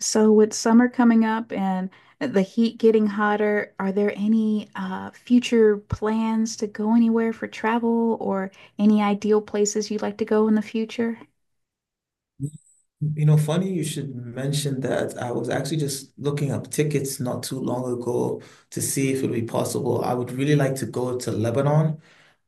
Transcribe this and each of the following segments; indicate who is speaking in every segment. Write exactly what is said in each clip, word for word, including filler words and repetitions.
Speaker 1: So with summer coming up and uh, the heat getting hotter, are there any uh, future plans to go anywhere for travel or any ideal places you'd like to go in the future?
Speaker 2: You know, funny you should mention that. I was actually just looking up tickets not too long ago to see if it would be possible. I would really like to go to Lebanon.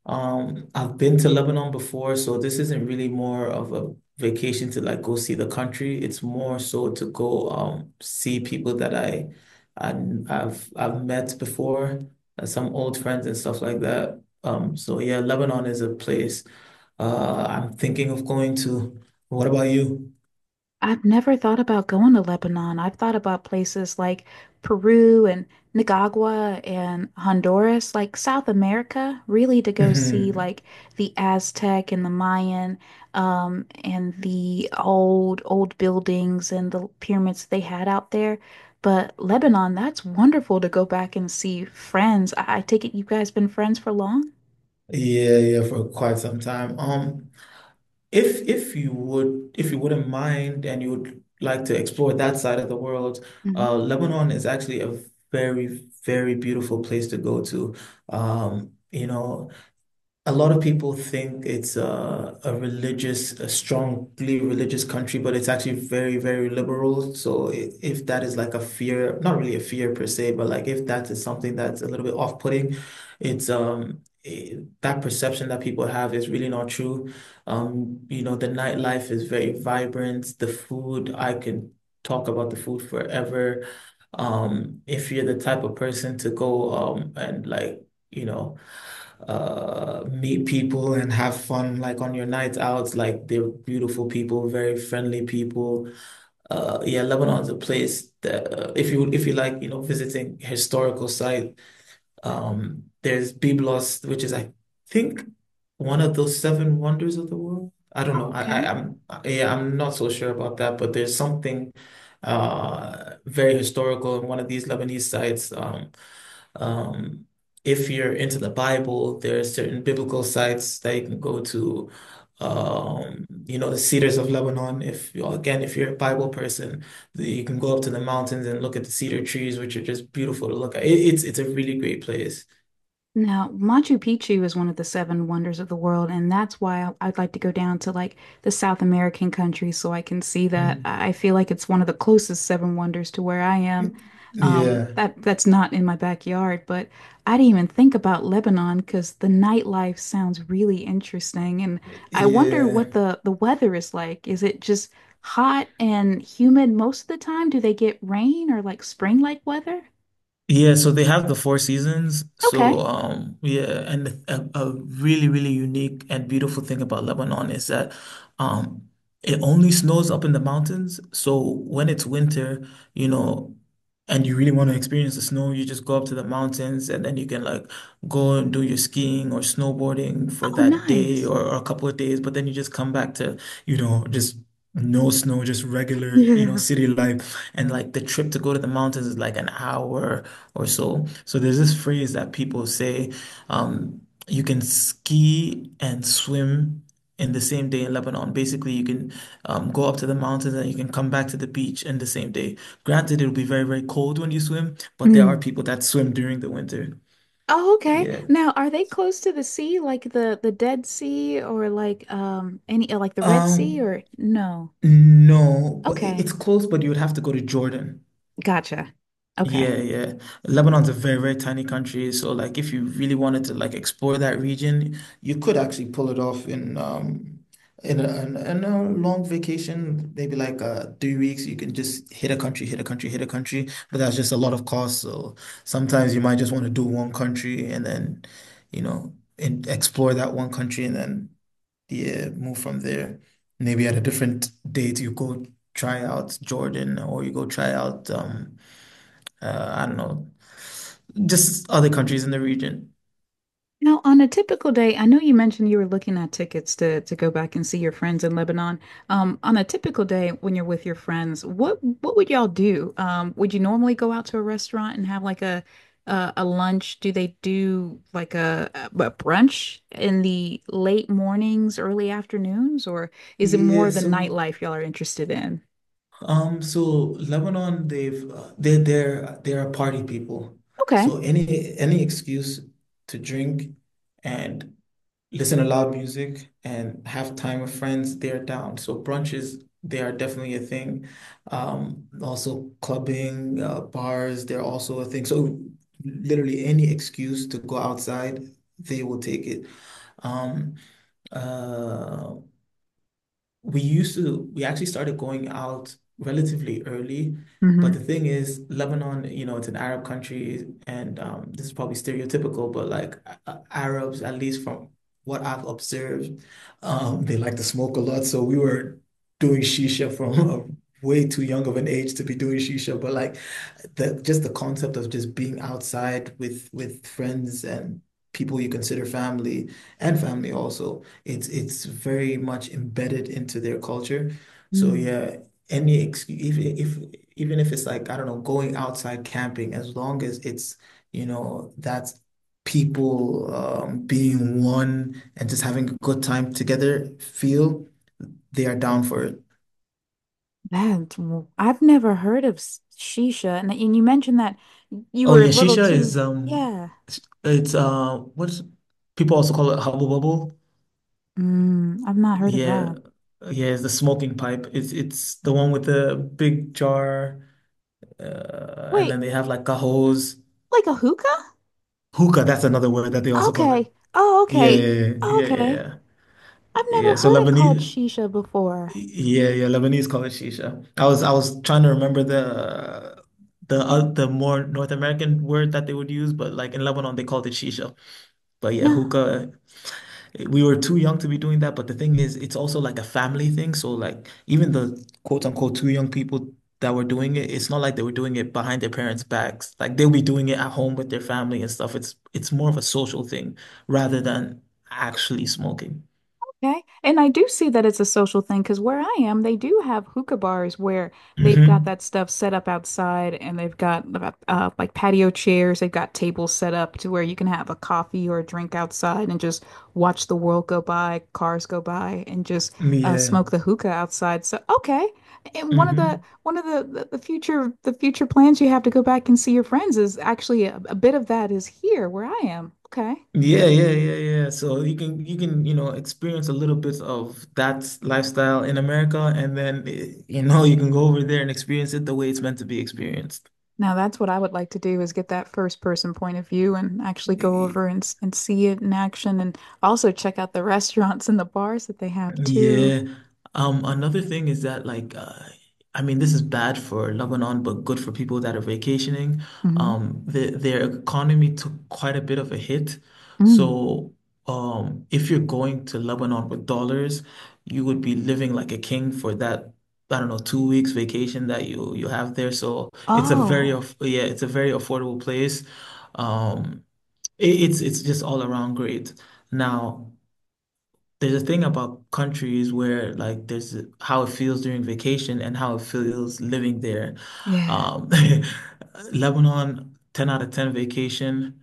Speaker 2: Um, I've been to Lebanon before, so this isn't really more of a vacation to like go see the country. It's more so to go um see people that I, I I've I've met before, uh, some old friends and stuff like that. Um, so yeah, Lebanon is a place uh I'm thinking of going to. What about you?
Speaker 1: I've never thought about going to Lebanon. I've thought about places like Peru and Nicaragua and Honduras, like South America, really to go see
Speaker 2: Mhm.
Speaker 1: like the Aztec and the Mayan, um, and the old old buildings and the pyramids they had out there. But Lebanon, that's wonderful to go back and see friends. I, I take it you guys been friends for long?
Speaker 2: Yeah, yeah, for quite some time. Um, if if you would, if you wouldn't mind, and you would like to explore that side of the world,
Speaker 1: Mhm.
Speaker 2: uh, Lebanon is actually a very, very beautiful place to go to. Um, you know, A lot of people think it's a, a religious, a strongly religious country, but it's actually very, very liberal. So i- if that is like a fear, not really a fear per se, but like if that is something that's a little bit off-putting, it's um I that perception that people have is really not true. Um, you know, the nightlife is very vibrant. The food, I can talk about the food forever. Um, if you're the type of person to go um and like, you know uh meet people and have fun like on your nights out, like they're beautiful people, very friendly people. Uh yeah, Lebanon's a place that, uh, if you if you like you know visiting historical site, um there's Byblos, which is, I think, one of those seven wonders of the world. I don't know. I, I
Speaker 1: Okay.
Speaker 2: I'm Yeah, I'm not so sure about that, but there's something uh very historical in one of these Lebanese sites. um um, if you're into the Bible, there are certain biblical sites that you can go to. Um, you know, the Cedars of Lebanon. If you, again, if you're a Bible person, the- you can go up to the mountains and look at the cedar trees, which are just beautiful to look at. It, it's it's a really great place.
Speaker 1: Now, Machu Picchu is one of the seven wonders of the world, and that's why I- I'd like to go down to like the South American countries so I can see that.
Speaker 2: Mm.
Speaker 1: I I feel like it's one of the closest seven wonders to where I am. Um,
Speaker 2: Yeah,
Speaker 1: that that's not in my backyard, but I didn't even think about Lebanon because the nightlife sounds really interesting, and I wonder
Speaker 2: yeah.
Speaker 1: what the the weather is like. Is it just hot and humid most of the time? Do they get rain or like spring-like weather?
Speaker 2: Yeah, so they have the four seasons. So,
Speaker 1: Okay.
Speaker 2: um, yeah, and a, a really, really unique and beautiful thing about Lebanon is that, um, it only snows up in the mountains. So when it's winter, you know, and you really want to experience the snow, you just go up to the mountains and then you can like go and do your skiing or snowboarding for
Speaker 1: Oh,
Speaker 2: that day
Speaker 1: nice.
Speaker 2: or, or a couple of days. But then you just come back to, you know, just no snow, just regular, you know, city life. And like the trip to go to the mountains is like an hour or so. So there's this phrase that people say, um, you can ski and swim in the same day in Lebanon. Basically, you can um, go up to the mountains and you can come back to the beach in the same day. Granted, it'll be very, very cold when you swim, but
Speaker 1: Yeah.
Speaker 2: there are people that swim during the winter.
Speaker 1: Oh, okay.
Speaker 2: Yeah.
Speaker 1: Now, are they close to the sea, like the the Dead Sea, or like um any uh, like the Red Sea,
Speaker 2: Um,
Speaker 1: or no?
Speaker 2: no, but it-
Speaker 1: Okay,
Speaker 2: it's close, but you would have to go to Jordan.
Speaker 1: gotcha.
Speaker 2: Yeah,
Speaker 1: Okay.
Speaker 2: yeah. Lebanon's a very, very tiny country, so like if you really wanted to like explore that region, you could actually pull it off in um in a, in a in a long vacation, maybe like uh three weeks. You can just hit a country, hit a country, hit a country, but that's just a lot of cost. So sometimes you might just want to do one country and then, you know, and explore that one country and then yeah, move from there. Maybe at a different date you go try out Jordan or you go try out um uh, I don't know, just other countries in the region.
Speaker 1: Now, on a typical day, I know you mentioned you were looking at tickets to to go back and see your friends in Lebanon. Um, on a typical day when you're with your friends, what what would y'all do? Um, would you normally go out to a restaurant and have like a a, a lunch? Do they do like a, a brunch in the late mornings, early afternoons, or is it more
Speaker 2: Yeah,
Speaker 1: of the
Speaker 2: so
Speaker 1: nightlife y'all are interested in?
Speaker 2: um, so Lebanon, they've uh, they're they're they're a party people.
Speaker 1: Okay.
Speaker 2: So any any excuse to drink and listen to loud music and have time with friends, they're down. So brunches, they are definitely a thing. Um, also clubbing, uh, bars, they're also a thing. So literally any excuse to go outside, they will take it. Um, Uh, we used to, we actually started going out relatively early. But
Speaker 1: Mm-hmm.
Speaker 2: the thing is, Lebanon, you know, it's an Arab country, and um, this is probably stereotypical, but like uh, Arabs, at least from what I've observed, um, they like to smoke a lot. So we were doing shisha from a way too young of an age to be doing shisha. But like the just the concept of just being outside with with friends and people you consider family, and family also, it's it's very much embedded into their culture. So
Speaker 1: Mm.
Speaker 2: yeah, any excuse, even if even if it's like, I don't know, going outside camping, as long as it's, you know, that's people, um, being one and just having a good time together feel, they are down for it.
Speaker 1: That's, w- I've never heard of s- shisha. And, and you mentioned that you
Speaker 2: Oh
Speaker 1: were a
Speaker 2: yeah,
Speaker 1: little
Speaker 2: shisha
Speaker 1: too,
Speaker 2: is, um,
Speaker 1: yeah.
Speaker 2: it's, uh, what's people also call it, hubble bubble.
Speaker 1: Mm, I've not heard of
Speaker 2: Yeah,
Speaker 1: that.
Speaker 2: yeah, it's the smoking pipe. It's it's the one with the big jar, uh, and
Speaker 1: Wait,
Speaker 2: then they have like cajos,
Speaker 1: like a hookah?
Speaker 2: hookah. That's another word that they also call
Speaker 1: Okay.
Speaker 2: it.
Speaker 1: Oh,
Speaker 2: Yeah,
Speaker 1: okay.
Speaker 2: yeah, yeah, yeah, yeah.
Speaker 1: Okay.
Speaker 2: Yeah,
Speaker 1: I've never
Speaker 2: yeah, so
Speaker 1: heard it called
Speaker 2: Lebanese,
Speaker 1: shisha before.
Speaker 2: yeah, yeah, Lebanese call it shisha. I was I was trying to remember the the uh, the more North American word that they would use, but like in Lebanon they called it shisha. But yeah,
Speaker 1: No.
Speaker 2: hookah, we were too young to be doing that, but the thing is, it's also like a family thing. So like even the quote unquote two young people that were doing it, it's not like they were doing it behind their parents' backs. Like they'll be doing it at home with their family and stuff. It's it's more of a social thing rather than actually smoking.
Speaker 1: Okay. And I do see that it's a social thing because where I am, they do have hookah bars where they've got
Speaker 2: Hmm.
Speaker 1: that stuff set up outside and they've got uh, like patio chairs. They've got tables set up to where you can have a coffee or a drink outside and just watch the world go by, cars go by, and just uh,
Speaker 2: Yeah.
Speaker 1: smoke the hookah outside. So, okay. And one of the
Speaker 2: Hmm.
Speaker 1: one of the, the, the future the future plans you have to go back and see your friends is actually a, a bit of that is here where I am. Okay.
Speaker 2: Yeah, yeah, yeah, yeah. So you can you can, you know, experience a little bit of that lifestyle in America, and then eh, you know, you can go over there and experience it the way it's meant to be experienced.
Speaker 1: Now that's what I would like to do is get that first person point of view and actually go over and and see it in action and also check out the restaurants and the bars that they have too.
Speaker 2: Yeah. Um, another thing is that like uh, I mean, this is bad for Lebanon but good for people that are vacationing.
Speaker 1: Hmm
Speaker 2: Um the, their economy took quite a bit of a hit.
Speaker 1: Mm.
Speaker 2: So um if you're going to Lebanon with dollars, you would be living like a king for that, I don't know, two weeks vacation that you you have there. So it's a very
Speaker 1: Oh,
Speaker 2: aff- yeah, it's a very affordable place. Um it, it's it's just all around great. Now there's a- thing about countries where like there's a- how it feels during vacation and how it feels living there.
Speaker 1: yeah.
Speaker 2: Um, Lebanon, ten out of ten vacation.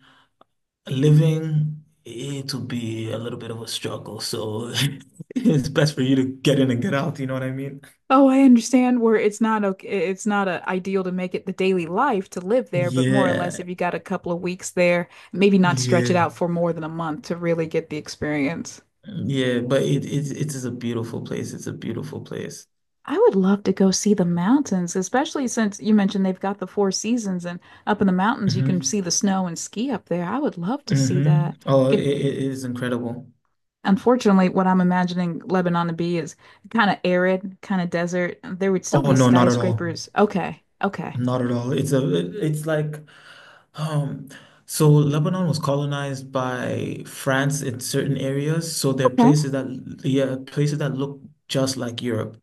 Speaker 2: Living, it'll be a little bit of a struggle. So it's best for you to get in and get out, you know what I mean?
Speaker 1: Oh, I understand where it's not okay, it's not a ideal to make it the daily life to live there, but more or less
Speaker 2: Yeah,
Speaker 1: if you got a couple of weeks there, maybe not stretch it
Speaker 2: yeah,
Speaker 1: out for more than a month to really get the experience.
Speaker 2: yeah. But it it it is a beautiful place. It's a beautiful place.
Speaker 1: I would love to go see the mountains, especially since you mentioned they've got the four seasons and up in the mountains you can
Speaker 2: Hmm.
Speaker 1: see the snow and ski up there. I would love to see
Speaker 2: Hmm.
Speaker 1: that.
Speaker 2: Oh, it,
Speaker 1: Get-
Speaker 2: it it is incredible.
Speaker 1: Unfortunately, what I'm imagining Lebanon to be is kind of arid, kind of desert. There would still
Speaker 2: Oh
Speaker 1: be
Speaker 2: no, not at all.
Speaker 1: skyscrapers. Okay, okay,
Speaker 2: Not at all. It's a it- it's like, um so Lebanon was colonized by France in certain areas. So there are
Speaker 1: okay.
Speaker 2: places that, yeah, places that look just like Europe.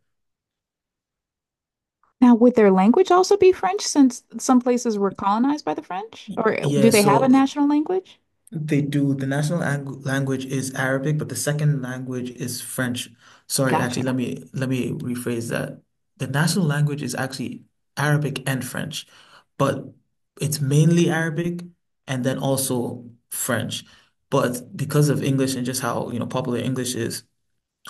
Speaker 1: Now, would their language also be French since some places were colonized by the French?
Speaker 2: Y-
Speaker 1: Or do
Speaker 2: Yeah,
Speaker 1: they have a
Speaker 2: so
Speaker 1: national language?
Speaker 2: they do. The national lang language is Arabic, but the second language is French. Sorry, actually, let
Speaker 1: Gotcha.
Speaker 2: me let me rephrase that. The national language is actually Arabic and French, but it's mainly Arabic and then also French. But because of English and just how you know, popular English is,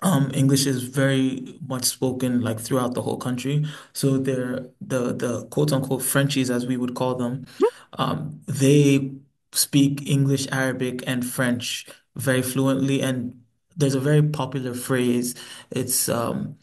Speaker 2: um, English is very much spoken like throughout the whole country. So they're the the quote unquote Frenchies, as we would call them. Um, they speak English, Arabic, and French very fluently. And there's a very popular phrase. It's, um,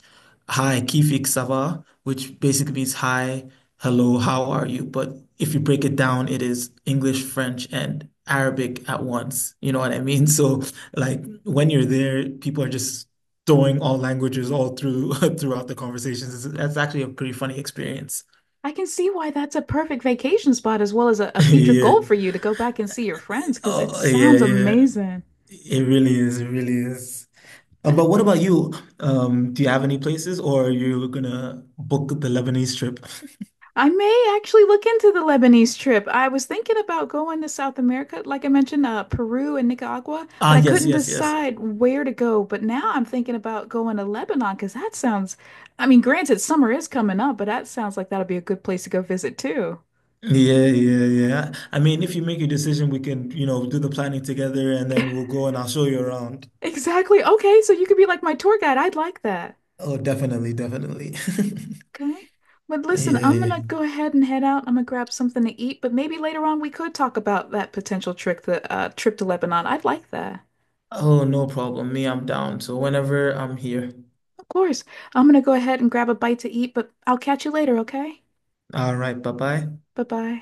Speaker 2: "Hi, kifik sava," which basically means, "Hi, hello, how are you?" But if you break it down, it is English, French, and Arabic at once. You know what I mean? So like when you're there, people are just throwing all languages all through throughout the conversations. It's- That's actually a pretty funny experience.
Speaker 1: I can see why that's a perfect vacation spot as well as a, a future
Speaker 2: Yeah.
Speaker 1: goal for you to go back and see your friends because it
Speaker 2: Oh, yeah,
Speaker 1: sounds
Speaker 2: yeah.
Speaker 1: amazing.
Speaker 2: It really is. It really is. Uh,
Speaker 1: But
Speaker 2: but what about you? Um, do you have any places, or are you gonna book the Lebanese trip?
Speaker 1: I may actually look into the Lebanese trip. I was thinking about going to South America, like I mentioned, uh, Peru and Nicaragua, but
Speaker 2: Ah,
Speaker 1: I
Speaker 2: yes,
Speaker 1: couldn't
Speaker 2: yes, yes.
Speaker 1: decide where to go. But now I'm thinking about going to Lebanon because that sounds, I mean, granted, summer is coming up, but that sounds like that'll be a good place to go visit too.
Speaker 2: Yeah, yeah, yeah. I mean, if you make your decision, we can, you know, do the planning together and then we'll go and I'll show you around.
Speaker 1: Exactly. Okay, so you could be like my tour guide. I'd like that.
Speaker 2: Oh, definitely, definitely.
Speaker 1: Okay. But listen,
Speaker 2: Yeah,
Speaker 1: I'm
Speaker 2: yeah.
Speaker 1: gonna go ahead and head out. I'm gonna grab something to eat, but maybe later on we could talk about that potential trick, the uh, trip to Lebanon. I'd like that.
Speaker 2: Oh, no problem. Me, I'm down. So whenever I'm here.
Speaker 1: Of course. I'm gonna go ahead and grab a bite to eat, but I'll catch you later, okay?
Speaker 2: All right. Bye bye.
Speaker 1: Bye-bye.